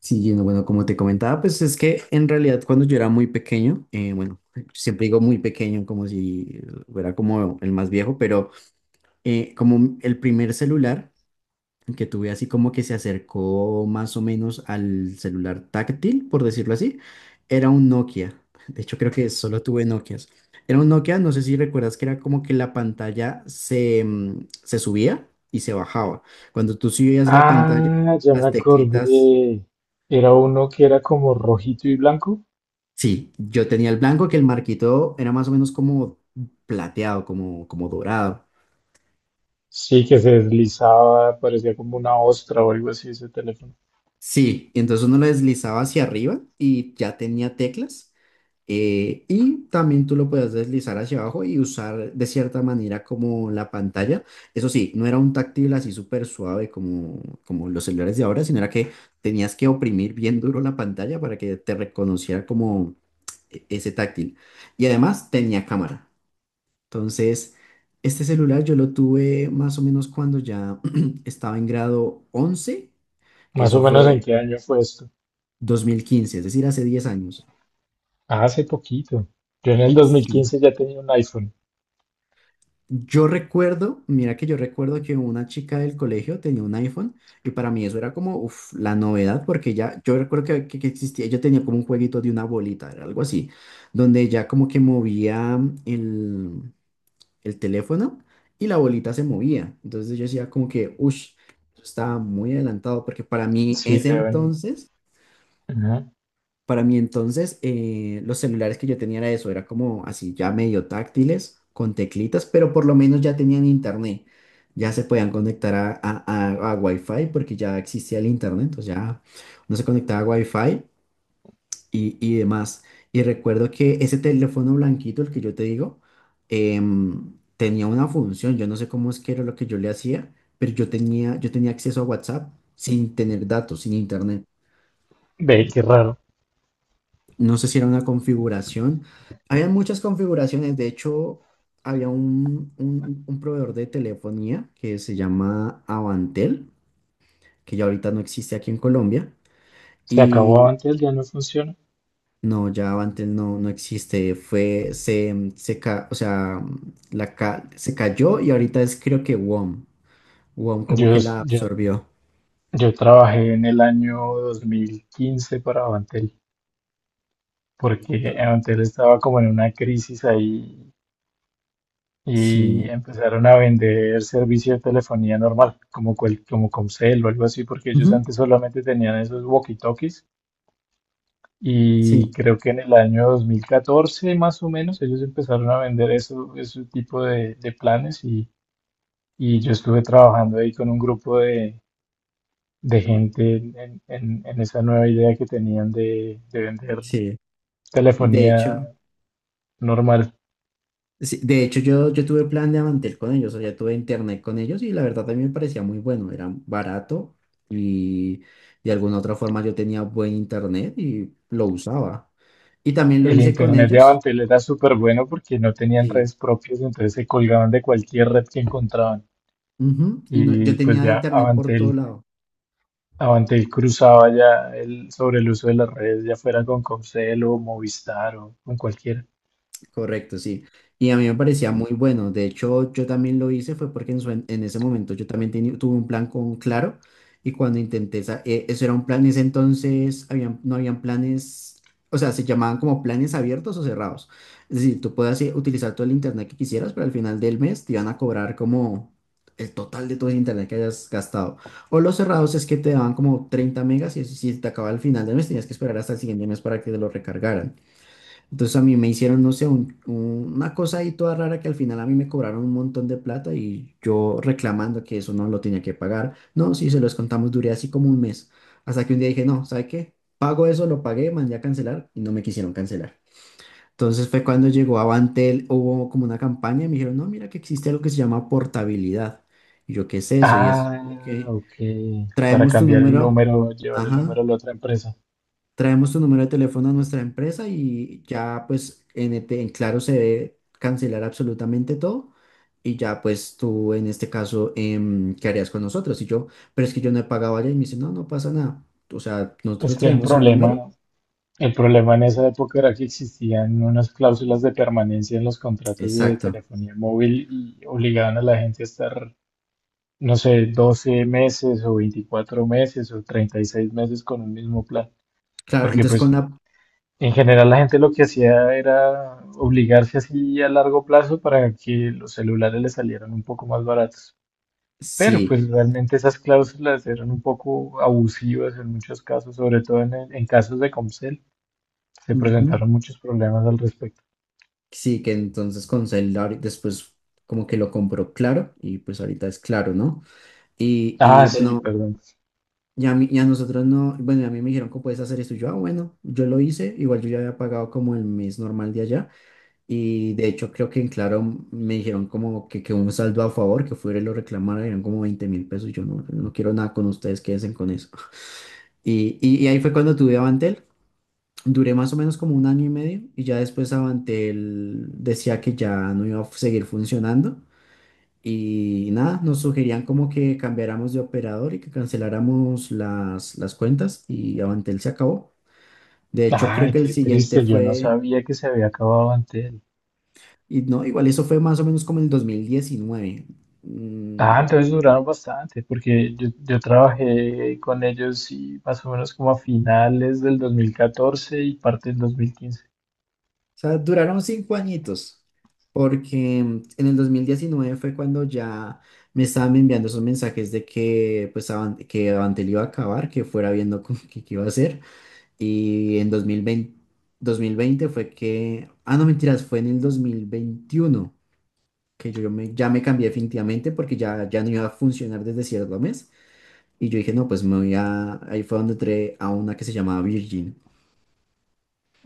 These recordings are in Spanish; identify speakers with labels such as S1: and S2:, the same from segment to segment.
S1: Sí, Gino, bueno, como te comentaba, pues es que en realidad cuando yo era muy pequeño, bueno, siempre digo muy pequeño como si fuera como el más viejo, pero como el primer celular que tuve así como que se acercó más o menos al celular táctil, por decirlo así, era un Nokia. De hecho, creo que solo tuve Nokias. Era un Nokia, no sé si recuerdas que era como que la pantalla se subía y se bajaba. Cuando tú subías la pantalla,
S2: Ah, ya
S1: las
S2: me
S1: teclitas.
S2: acordé. Era uno que era como rojito y blanco.
S1: Sí, yo tenía el blanco que el marquito era más o menos como plateado, como dorado.
S2: Sí, que se deslizaba, parecía como una ostra o algo así ese teléfono.
S1: Sí, entonces uno lo deslizaba hacia arriba y ya tenía teclas. Y también tú lo podías deslizar hacia abajo y usar de cierta manera como la pantalla. Eso sí, no era un táctil así súper suave como los celulares de ahora, sino era que tenías que oprimir bien duro la pantalla para que te reconociera como ese táctil. Y además tenía cámara. Entonces, este celular yo lo tuve más o menos cuando ya estaba en grado 11, que
S2: Más o
S1: eso
S2: menos en
S1: fue
S2: qué año fue esto.
S1: 2015, es decir, hace 10 años.
S2: Ah, hace poquito. Yo en el dos mil
S1: Sí.
S2: quince ya tenía un iPhone.
S1: Yo recuerdo, mira que yo recuerdo que una chica del colegio tenía un iPhone y para mí eso era como uf, la novedad porque ya, yo recuerdo que existía, yo tenía como un jueguito de una bolita, era algo así, donde ya como que movía el, el teléfono y la bolita se movía. Entonces yo decía como que, uff, eso estaba muy adelantado porque para mí
S2: Sí,
S1: ese entonces,
S2: ajá.
S1: para mí entonces los celulares que yo tenía era eso, era como así ya medio táctiles, con teclitas, pero por lo menos ya tenían internet. Ya se podían conectar a Wi-Fi porque ya existía el internet, entonces ya uno se conectaba a Wi-Fi y demás. Y recuerdo que ese teléfono blanquito, el que yo te digo, tenía una función. Yo no sé cómo es que era lo que yo le hacía, pero yo tenía acceso a WhatsApp sin tener datos, sin internet.
S2: Ve, qué raro.
S1: No sé si era una configuración. Había muchas configuraciones. De hecho, había un proveedor de telefonía que se llama Avantel, que ya ahorita no existe aquí en Colombia.
S2: Se acabó antes, ya no funciona.
S1: No, ya Avantel no, no existe. Fue, se, mm, se ca- O sea, se cayó y ahorita es creo que WOM. WOM como
S2: Yo,
S1: que la
S2: yo,
S1: absorbió.
S2: yo trabajé en el año 2015 para Avantel, porque
S1: Entonces,
S2: Avantel estaba como en una crisis ahí y
S1: sí.
S2: empezaron a vender servicio de telefonía normal, como Comcel o algo así, porque ellos
S1: Ujú.
S2: antes solamente tenían esos walkie-talkies y
S1: Sí,
S2: creo que en el año 2014 más o menos ellos empezaron a vender eso, ese tipo de planes y yo estuve trabajando ahí con un grupo de gente en esa nueva idea que tenían de vender
S1: sí. De
S2: telefonía
S1: hecho,
S2: normal.
S1: sí, de hecho yo tuve plan de Avantel con ellos, o sea, tuve internet con ellos y la verdad también me parecía muy bueno. Era barato y de alguna otra forma yo tenía buen internet y lo usaba. Y también lo
S2: El
S1: hice con
S2: internet de
S1: ellos.
S2: Avantel era súper bueno porque no tenían
S1: Sí.
S2: redes propias, entonces se colgaban de cualquier red que encontraban.
S1: Ujú. Y yo
S2: Y pues
S1: tenía
S2: ya
S1: internet por todo
S2: Avantel,
S1: lado.
S2: Avantel cruzaba ya el, sobre el uso de las redes, ya fuera con Comcel o Movistar o con cualquiera.
S1: Correcto, sí. Y a mí me parecía muy bueno. De hecho, yo también lo hice, fue porque en ese momento yo también tuve un plan con Claro y cuando intenté, eso era un plan, en ese entonces habían, no habían planes, o sea, se llamaban como planes abiertos o cerrados. Es decir, tú podías utilizar todo el internet que quisieras, pero al final del mes te iban a cobrar como el total de todo el internet que hayas gastado. O los cerrados es que te daban como 30 megas y si te acababa al final del mes tenías que esperar hasta el siguiente mes para que te lo recargaran. Entonces a mí me hicieron, no sé, una cosa ahí toda rara que al final a mí me cobraron un montón de plata y yo reclamando que eso no lo tenía que pagar. No, sí, se los contamos, duré así como un mes. Hasta que un día dije, no, ¿sabe qué? Pago eso, lo pagué, mandé a cancelar y no me quisieron cancelar. Entonces fue cuando llegó Avantel, hubo como una campaña y me dijeron, no, mira que existe algo que se llama portabilidad. Y yo, ¿qué es eso? Y es
S2: Ah,
S1: que
S2: ok. Para
S1: traemos tu
S2: cambiar el
S1: número,
S2: número, llevar el número
S1: ajá,
S2: a la otra empresa.
S1: traemos tu número de teléfono a nuestra empresa y ya pues en, ET en Claro se debe cancelar absolutamente todo y ya pues tú en este caso, ¿qué harías con nosotros? Y yo, pero es que yo no he pagado allá y me dice, no, no pasa nada. O sea,
S2: Es
S1: nosotros
S2: que el
S1: traemos el número.
S2: problema, el problema en esa época era que existían unas cláusulas de permanencia en los contratos de
S1: Exacto.
S2: telefonía móvil y obligaban a la gente a estar no sé, 12 meses o 24 meses o 36 meses con un mismo plan.
S1: Claro,
S2: Porque
S1: entonces con
S2: pues
S1: la.
S2: en general la gente lo que hacía era obligarse así a largo plazo para que los celulares le salieran un poco más baratos. Pero
S1: Sí,
S2: pues realmente esas cláusulas eran un poco abusivas en muchos casos, sobre todo en, en casos de Comcel. Se
S1: ujú.
S2: presentaron muchos problemas al respecto.
S1: Sí, que entonces con celular después como que lo compró Claro y pues ahorita es Claro, ¿no? Y,
S2: Ah,
S1: y
S2: sí,
S1: bueno.
S2: perdón.
S1: Y a nosotros no, bueno, y a mí me dijeron, ¿cómo puedes hacer esto? Y yo, ah, bueno, yo lo hice, igual yo ya había pagado como el mes normal de allá, y de hecho creo que en Claro me dijeron como que un saldo a favor, que fuera y lo reclamara, eran como 20.000 pesos, y yo no, no quiero nada con ustedes, quédense con eso. Y ahí fue cuando tuve Avantel, duré más o menos como un año y medio, y ya después Avantel decía que ya no iba a seguir funcionando, y nada, nos sugerían como que cambiáramos de operador y que canceláramos las cuentas y Avantel se acabó. De hecho, creo
S2: Ay,
S1: que el
S2: qué
S1: siguiente
S2: triste, yo no
S1: fue,
S2: sabía que se había acabado Antel.
S1: y no, igual eso fue más o menos como el 2019.
S2: Ah,
S1: Mm,
S2: entonces duraron bastante, porque yo trabajé con ellos y más o menos como a finales del 2014 y parte del 2015.
S1: Sea, duraron 5 añitos, porque en el 2019 fue cuando ya me estaban enviando esos mensajes de que, pues, que Avantel iba a acabar, que fuera viendo qué iba a hacer. Y en dos mil veinte fue que, ah, no, mentiras, fue en el 2021 que ya me cambié definitivamente porque ya no iba a funcionar desde cierto mes. Y yo dije, no, pues me voy a, ahí fue donde entré a una que se llamaba Virgin.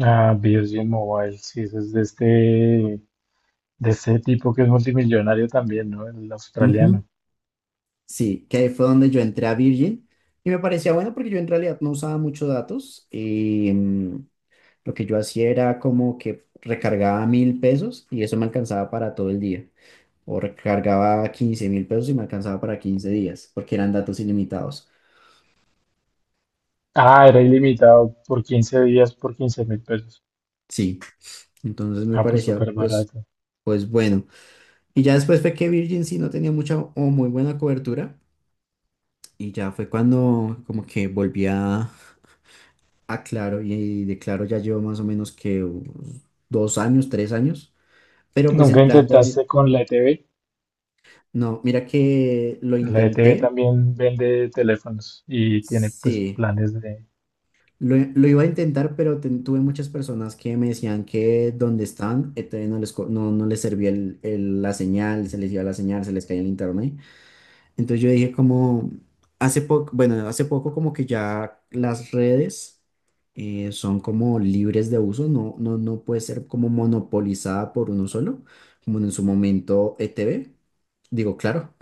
S2: Ah, BioSG Mobile, sí, ese es de este tipo que es multimillonario también, ¿no? El australiano.
S1: Sí, que ahí fue donde yo entré a Virgin y me parecía bueno porque yo en realidad no usaba muchos datos y lo que yo hacía era como que recargaba 1.000 pesos y eso me alcanzaba para todo el día o recargaba 15.000 pesos y me alcanzaba para 15 días porque eran datos ilimitados.
S2: Ah, era ilimitado por 15 días por 15 mil pesos.
S1: Sí, entonces me
S2: Ah, pues
S1: parecía
S2: súper
S1: pues,
S2: barato.
S1: pues bueno. Y ya después fue que Virgin sí no tenía mucha o muy buena cobertura y ya fue cuando como que volví a. Ah, claro, y de Claro ya llevo más o menos que unos 2 años, 3 años, pero pues
S2: ¿Nunca
S1: el plan de ahorita,
S2: intentaste con la ETV?
S1: no, mira que lo
S2: La ETV
S1: intenté,
S2: también vende teléfonos y tiene pues
S1: sí,
S2: planes de.
S1: lo iba a intentar, pero tuve muchas personas que me decían que donde están, todavía no les servía la señal, se les iba la señal, se les caía el internet. Entonces yo dije como, hace poco, bueno, hace poco como que ya las redes son como libres de uso, no, no, no puede ser como monopolizada por uno solo, como en su momento ETV, digo, Claro,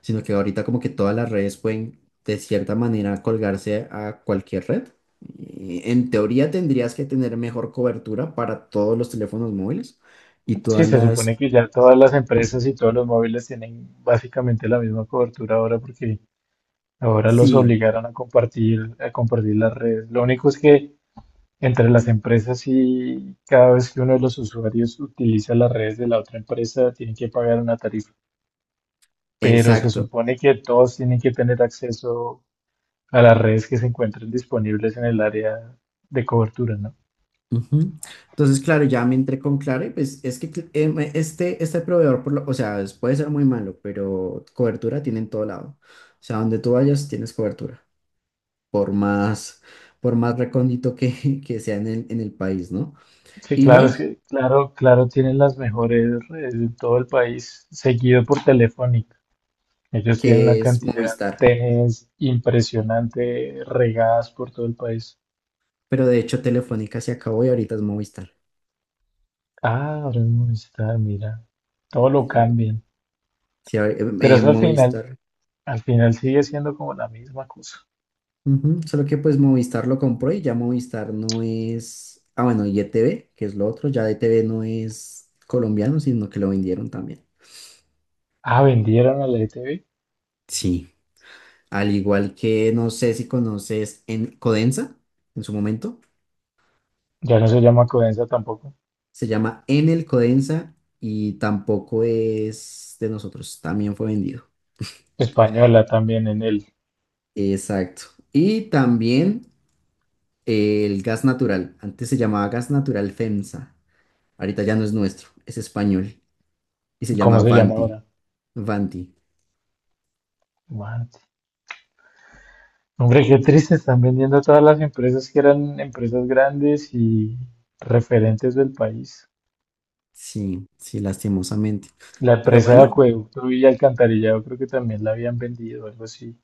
S1: sino que ahorita como que todas las redes pueden de cierta manera colgarse a cualquier red. Y en teoría tendrías que tener mejor cobertura para todos los teléfonos móviles y
S2: Sí,
S1: todas
S2: se supone
S1: las.
S2: que ya todas las empresas y todos los móviles tienen básicamente la misma cobertura ahora porque ahora los
S1: Sí,
S2: obligaron a compartir las redes. Lo único es que entre las empresas y cada vez que uno de los usuarios utiliza las redes de la otra empresa, tienen que pagar una tarifa. Pero se
S1: exacto.
S2: supone que todos tienen que tener acceso a las redes que se encuentren disponibles en el área de cobertura, ¿no?
S1: Ujú. Entonces, claro, ya me entré con Claro y pues es que este, proveedor, por o sea, puede ser muy malo, pero cobertura tiene en todo lado. O sea, donde tú vayas tienes cobertura, por más, por más recóndito que, que sea en el país, ¿no?
S2: Sí,
S1: Y no
S2: claro, es
S1: hay,
S2: que, claro, claro, tienen las mejores redes de todo el país, seguido por Telefónica. Ellos tienen una
S1: que es
S2: cantidad de
S1: Movistar,
S2: antenas impresionante regadas por todo el país.
S1: pero de hecho Telefónica se acabó y ahorita es Movistar.
S2: Ah, ahora es Movistar, mira. Todo lo cambian.
S1: Sí,
S2: Pero eso
S1: Movistar.
S2: al final sigue siendo como la misma cosa.
S1: Ujú. Solo que pues Movistar lo compró y ya Movistar no es. Ah, bueno, y ETV, que es lo otro, ya ETV no es colombiano, sino que lo vendieron también.
S2: Ah, vendieron a la ETV.
S1: Sí. Al igual que no sé si conoces en Codensa, en su momento,
S2: Ya no se llama Codensa tampoco.
S1: se llama Enel Codensa y tampoco es de nosotros, también fue vendido.
S2: Española también en él.
S1: Exacto. Y también el gas natural, antes se llamaba gas natural FEMSA, ahorita ya no es nuestro, es español y se
S2: ¿Cómo
S1: llama
S2: se llama
S1: Vanti.
S2: ahora?
S1: Vanti.
S2: What? Hombre, qué triste. Están vendiendo todas las empresas que eran empresas grandes y referentes del país.
S1: Sí, sí, lastimosamente.
S2: La
S1: Pero
S2: empresa de
S1: bueno,
S2: acueducto y alcantarillado creo que también la habían vendido, algo así.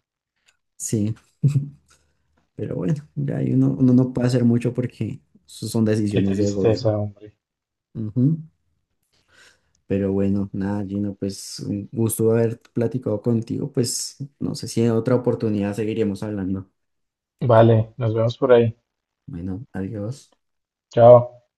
S1: sí. Pero bueno, ya ahí uno no puede hacer mucho porque eso son
S2: Qué
S1: decisiones del gobierno.
S2: tristeza, hombre.
S1: Ujú. Pero bueno, nada, Gino, pues un gusto haber platicado contigo. Pues no sé si en otra oportunidad seguiremos hablando.
S2: Vale, nos vemos por ahí.
S1: Bueno, adiós.
S2: Chao.